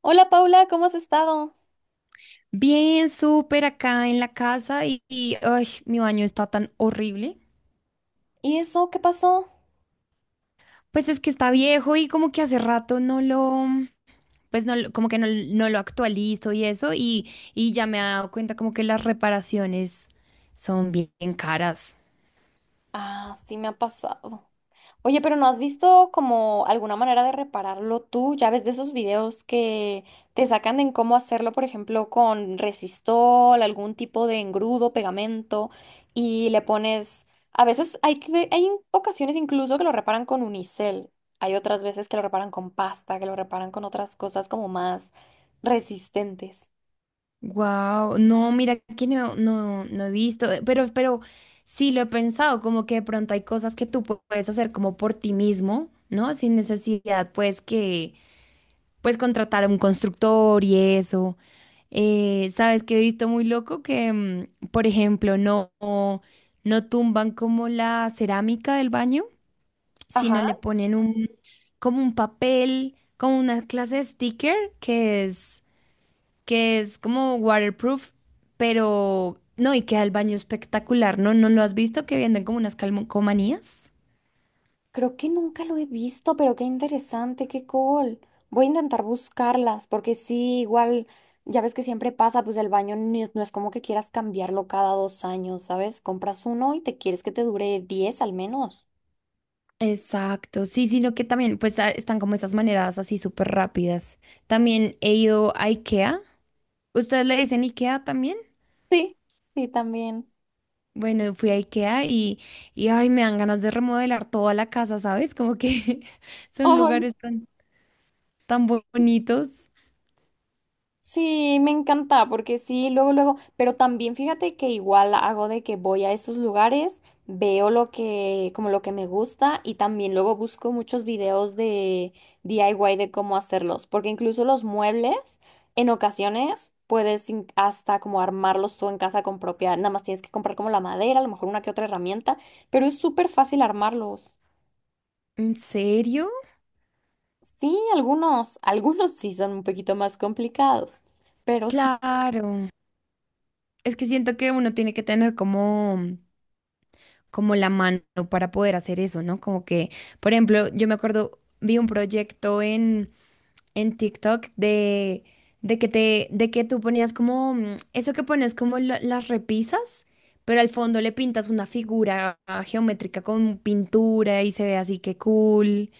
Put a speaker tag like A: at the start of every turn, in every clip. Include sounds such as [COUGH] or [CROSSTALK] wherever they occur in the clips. A: Hola Paula, ¿cómo has estado?
B: Bien, súper acá en la casa ay, mi baño está tan horrible.
A: ¿Y eso qué pasó?
B: Pues es que está viejo y como que hace rato no lo, pues no, lo- como que no lo actualizo y eso y ya me he dado cuenta como que las reparaciones son bien caras.
A: Ah, sí me ha pasado. Oye, pero ¿no has visto como alguna manera de repararlo tú? Ya ves de esos videos que te sacan en cómo hacerlo, por ejemplo, con resistol, algún tipo de engrudo, pegamento, y le pones... A veces hay ocasiones incluso que lo reparan con unicel. Hay otras veces que lo reparan con pasta, que lo reparan con otras cosas como más resistentes.
B: Wow, no, mira que no he visto, pero sí lo he pensado, como que de pronto hay cosas que puedes hacer como por ti mismo, ¿no? Sin necesidad, pues contratar a un constructor y eso. ¿Sabes qué he visto muy loco? Que, por ejemplo, no tumban como la cerámica del baño, sino le ponen como un papel, como una clase de sticker que es como waterproof, pero no, y queda el baño espectacular, ¿no? ¿No lo has visto que venden como unas calcomanías?
A: Creo que nunca lo he visto, pero qué interesante, qué cool. Voy a intentar buscarlas, porque sí, igual, ya ves que siempre pasa, pues el baño ni es- no es como que quieras cambiarlo cada dos años, ¿sabes? Compras uno y te quieres que te dure diez al menos.
B: Exacto, sí, sino que también pues están como esas maneras así súper rápidas. También he ido a IKEA. ¿Ustedes le dicen IKEA también?
A: Sí, sí, también.
B: Bueno, fui a IKEA y ay, me dan ganas de remodelar toda la casa, ¿sabes? Como que [LAUGHS] son
A: Ay.
B: lugares tan, bonitos.
A: Sí, me encanta, porque sí, luego, luego, pero también fíjate que igual hago de que voy a esos lugares, veo lo que, como lo que me gusta y también luego busco muchos videos de DIY de cómo hacerlos, porque incluso los muebles, en ocasiones puedes hasta como armarlos tú en casa con propia, nada más tienes que comprar como la madera, a lo mejor una que otra herramienta, pero es súper fácil armarlos.
B: ¿En serio?
A: Sí, algunos, [LAUGHS] algunos sí son un poquito más complicados. Pero
B: Claro. Es que siento que uno tiene que tener como, como la mano para poder hacer eso, ¿no? Como que, por ejemplo, yo me acuerdo, vi un proyecto en TikTok de que tú ponías como, eso que pones como las repisas, pero al fondo le pintas una figura geométrica con pintura y se ve así que cool.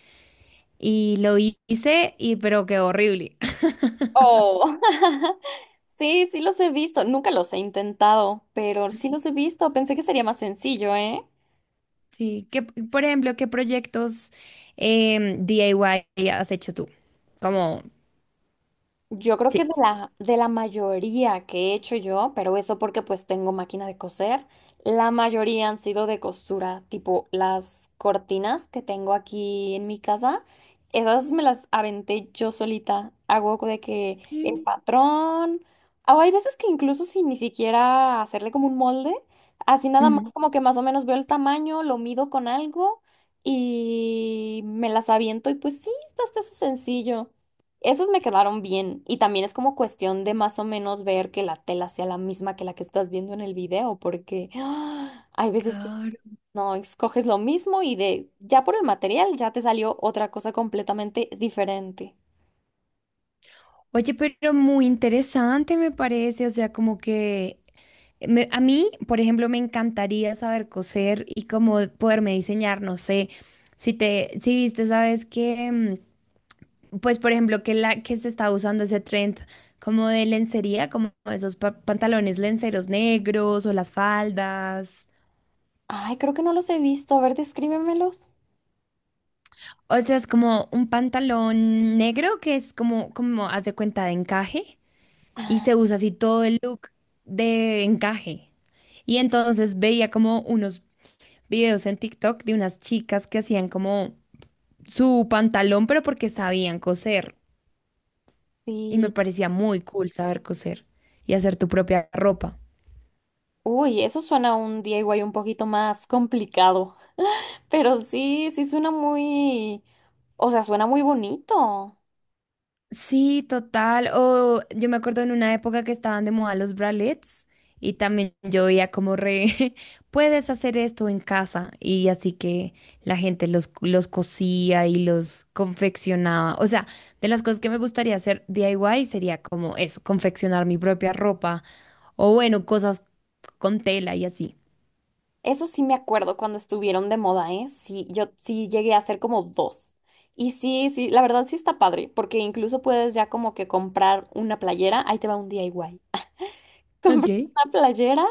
B: Y lo hice y pero quedó horrible. [LAUGHS]
A: Oh, [LAUGHS] sí, sí los he visto. Nunca los he intentado, pero sí los he visto. Pensé que sería más sencillo, ¿eh?
B: Sí, que, por ejemplo, ¿qué proyectos DIY has hecho tú? Como,
A: Yo creo que de
B: sí.
A: la, de la mayoría que he hecho yo, pero eso porque pues tengo máquina de coser, la mayoría han sido de costura, tipo las cortinas que tengo aquí en mi casa, esas me las aventé yo solita. Hago de que el
B: Mm,
A: patrón, o hay veces que incluso sin ni siquiera hacerle como un molde, así nada más como que más o menos veo el tamaño, lo mido con algo y me las aviento y pues sí, está hasta eso sencillo. Esas me quedaron bien y también es como cuestión de más o menos ver que la tela sea la misma que la que estás viendo en el video, porque ¡ah! Hay veces que
B: ujú.
A: no escoges lo mismo y de ya por el material ya te salió otra cosa completamente diferente.
B: Oye, pero muy interesante me parece, o sea, como que a mí, por ejemplo, me encantaría saber coser y como poderme diseñar, no sé, si viste, sabes que, pues, por ejemplo, que la que se está usando ese trend como de lencería, como esos pantalones lenceros negros o las faldas.
A: Ay, creo que no los he visto. A ver, descríbemelos.
B: O sea, es como un pantalón negro que es haz de cuenta de encaje. Y
A: Ah,
B: se usa así todo el look de encaje. Y entonces veía como unos videos en TikTok de unas chicas que hacían como su pantalón, pero porque sabían coser. Y me
A: sí.
B: parecía muy cool saber coser y hacer tu propia ropa.
A: Uy, eso suena a un DIY un poquito más complicado, [LAUGHS] pero sí, sí suena muy, o sea, suena muy bonito.
B: Sí, total. O yo me acuerdo en una época que estaban de moda los bralets y también yo veía como [LAUGHS] puedes hacer esto en casa y así que la gente los cosía y los confeccionaba. O sea, de las cosas que me gustaría hacer DIY sería como eso, confeccionar mi propia ropa o bueno, cosas con tela y así.
A: Eso sí me acuerdo cuando estuvieron de moda, ¿eh? Sí, yo sí llegué a hacer como dos. Y sí, sí, la verdad sí está padre, porque incluso puedes ya como que comprar una playera, ahí te va un DIY. [LAUGHS]
B: Ok.
A: Compras una playera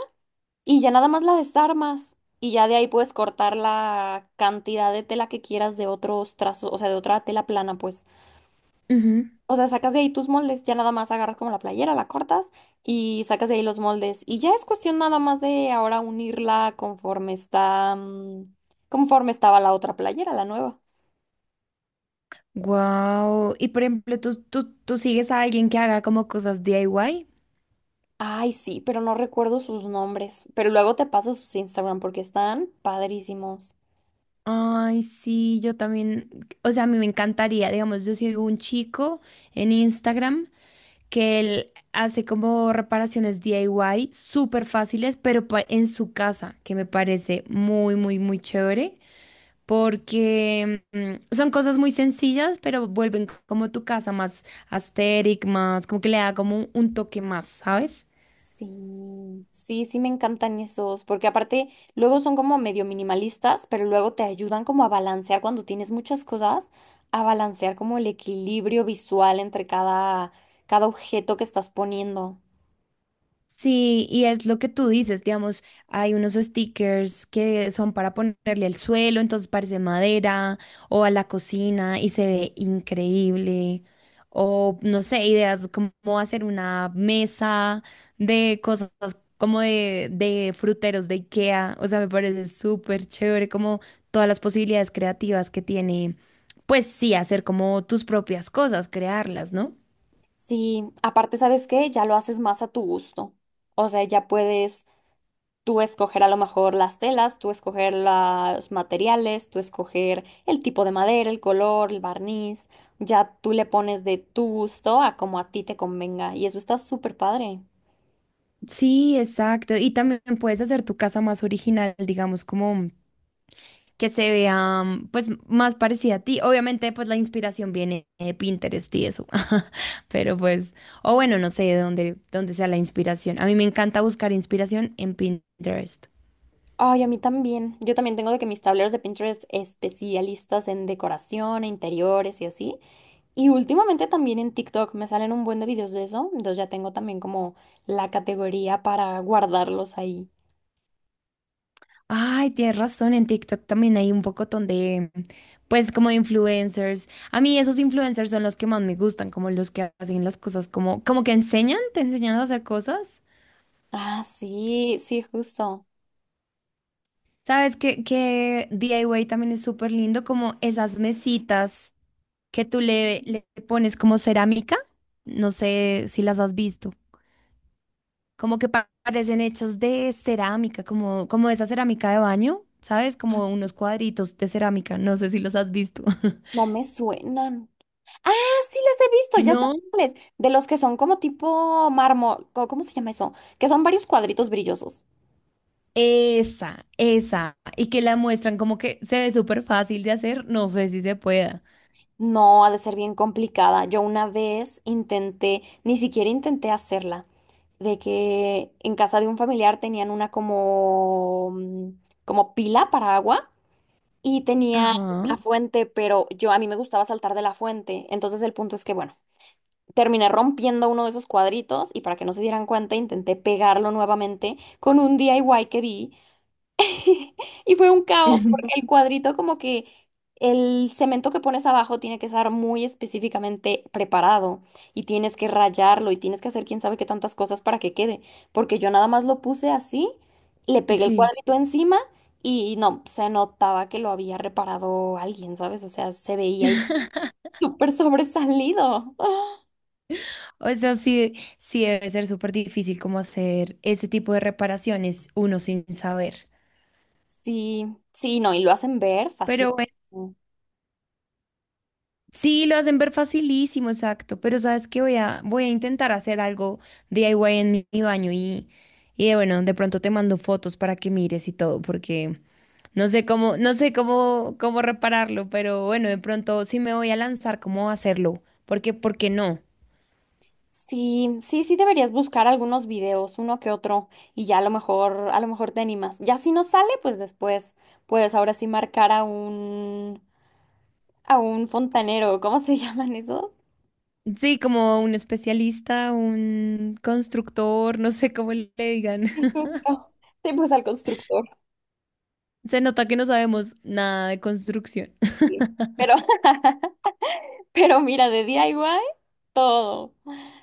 A: y ya nada más la desarmas y ya de ahí puedes cortar la cantidad de tela que quieras de otros trazos, o sea, de otra tela plana, pues. O sea, sacas de ahí tus moldes, ya nada más agarras como la playera, la cortas y sacas de ahí los moldes. Y ya es cuestión nada más de ahora unirla conforme está, mm, conforme estaba la otra playera, la nueva.
B: Wow. Y por ejemplo, ¿tú sigues a alguien que haga como cosas DIY?
A: Ay, sí, pero no recuerdo sus nombres. Pero luego te paso sus Instagram porque están padrísimos.
B: Ay, sí, yo también, o sea, a mí me encantaría, digamos, yo sigo un chico en Instagram que él hace como reparaciones DIY súper fáciles, pero en su casa, que me parece muy chévere, porque son cosas muy sencillas, pero vuelven como tu casa más asteric, más, como que le da como un toque más, ¿sabes?
A: Sí, sí, sí me encantan esos, porque aparte luego son como medio minimalistas, pero luego te ayudan como a balancear cuando tienes muchas cosas, a balancear como el equilibrio visual entre cada objeto que estás poniendo.
B: Sí, y es lo que tú dices, digamos, hay unos stickers que son para ponerle al suelo, entonces parece madera, o a la cocina y se ve increíble, o no sé, ideas como hacer una mesa de cosas como de fruteros de IKEA, o sea, me parece súper chévere como todas las posibilidades creativas que tiene, pues sí, hacer como tus propias cosas, crearlas, ¿no?
A: Sí, aparte, ¿sabes qué? Ya lo haces más a tu gusto. O sea, ya puedes tú escoger a lo mejor las telas, tú escoger los materiales, tú escoger el tipo de madera, el color, el barniz. Ya tú le pones de tu gusto a como a ti te convenga. Y eso está súper padre.
B: Sí, exacto. Y también puedes hacer tu casa más original, digamos, como que se vea pues más parecida a ti. Obviamente, pues la inspiración viene de Pinterest y eso. [LAUGHS] Pero pues, o bueno, no sé de dónde, dónde sea la inspiración. A mí me encanta buscar inspiración en Pinterest.
A: Ay, a mí también. Yo también tengo de que mis tableros de Pinterest especialistas en decoración, e interiores y así. Y últimamente también en TikTok me salen un buen de videos de eso. Entonces ya tengo también como la categoría para guardarlos ahí.
B: Ay, tienes razón, en TikTok también hay un pocotón de, pues, como de influencers. A mí esos influencers son los que más me gustan, como los que hacen las cosas como, como que enseñan, te enseñan a hacer cosas.
A: Ah, sí, sí, justo.
B: Sabes que DIY también es súper lindo, como esas mesitas que le pones como cerámica. No sé si las has visto. Como que parecen hechas de cerámica, como, como esa cerámica de baño, ¿sabes? Como unos cuadritos de cerámica. No sé si los has visto. [LAUGHS]
A: No me suenan. Ah, sí las he visto, ya sé
B: No,
A: cuáles. De los que son como tipo mármol, ¿cómo se llama eso? Que son varios cuadritos brillosos.
B: esa. Y que la muestran como que se ve súper fácil de hacer. No sé si se pueda.
A: No, ha de ser bien complicada. Yo una vez intenté, ni siquiera intenté hacerla, de que en casa de un familiar tenían una como, mm, como pila para agua y tenía
B: Ajá.
A: una fuente, pero yo a mí me gustaba saltar de la fuente. Entonces el punto es que, bueno. Terminé rompiendo uno de esos cuadritos y para que no se dieran cuenta intenté pegarlo nuevamente con un DIY que vi [LAUGHS] y fue un caos porque el
B: [LAUGHS]
A: cuadrito como que el cemento que pones abajo tiene que estar muy específicamente preparado y tienes que rayarlo y tienes que hacer quién sabe qué tantas cosas para que quede porque yo nada más lo puse así, le pegué el
B: Sí.
A: cuadrito encima y no, se notaba que lo había reparado alguien, ¿sabes? O sea, se veía ahí
B: [LAUGHS]
A: súper sobresalido.
B: O sea, sí, sí debe ser súper difícil como hacer ese tipo de reparaciones uno sin saber.
A: Sí, sí, no, y lo hacen ver
B: Pero
A: fácil.
B: bueno, sí, lo hacen ver facilísimo, exacto. Pero sabes que voy a intentar hacer algo DIY en mi baño y bueno, de pronto te mando fotos para que mires y todo, porque no sé cómo, cómo repararlo, pero bueno, de pronto sí me voy a lanzar cómo hacerlo, porque, ¿por qué no?
A: Sí, sí, sí deberías buscar algunos videos, uno que otro, y ya a lo mejor te animas. Ya si no sale, pues después, pues ahora sí marcar a un fontanero, ¿cómo se llaman esos?
B: Sí, como un especialista, un constructor, no sé cómo le digan.
A: [LAUGHS] Justo. Sí, pues al constructor.
B: Se nota que no sabemos nada de construcción. [LAUGHS]
A: Sí. Pero Pero mira, de DIY, todo.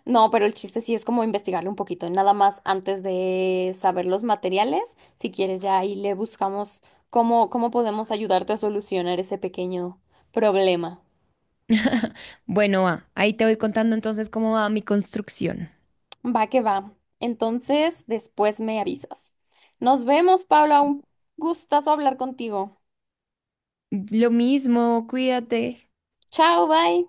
A: No, pero el chiste sí es como investigarle un poquito, nada más antes de saber los materiales. Si quieres, ya ahí le buscamos cómo podemos ayudarte a solucionar ese pequeño problema.
B: Bueno, va, ahí te voy contando entonces cómo va mi construcción.
A: Va que va. Entonces, después me avisas. Nos vemos, Paula. Un gustazo hablar contigo.
B: Lo mismo, cuídate.
A: Chao, bye.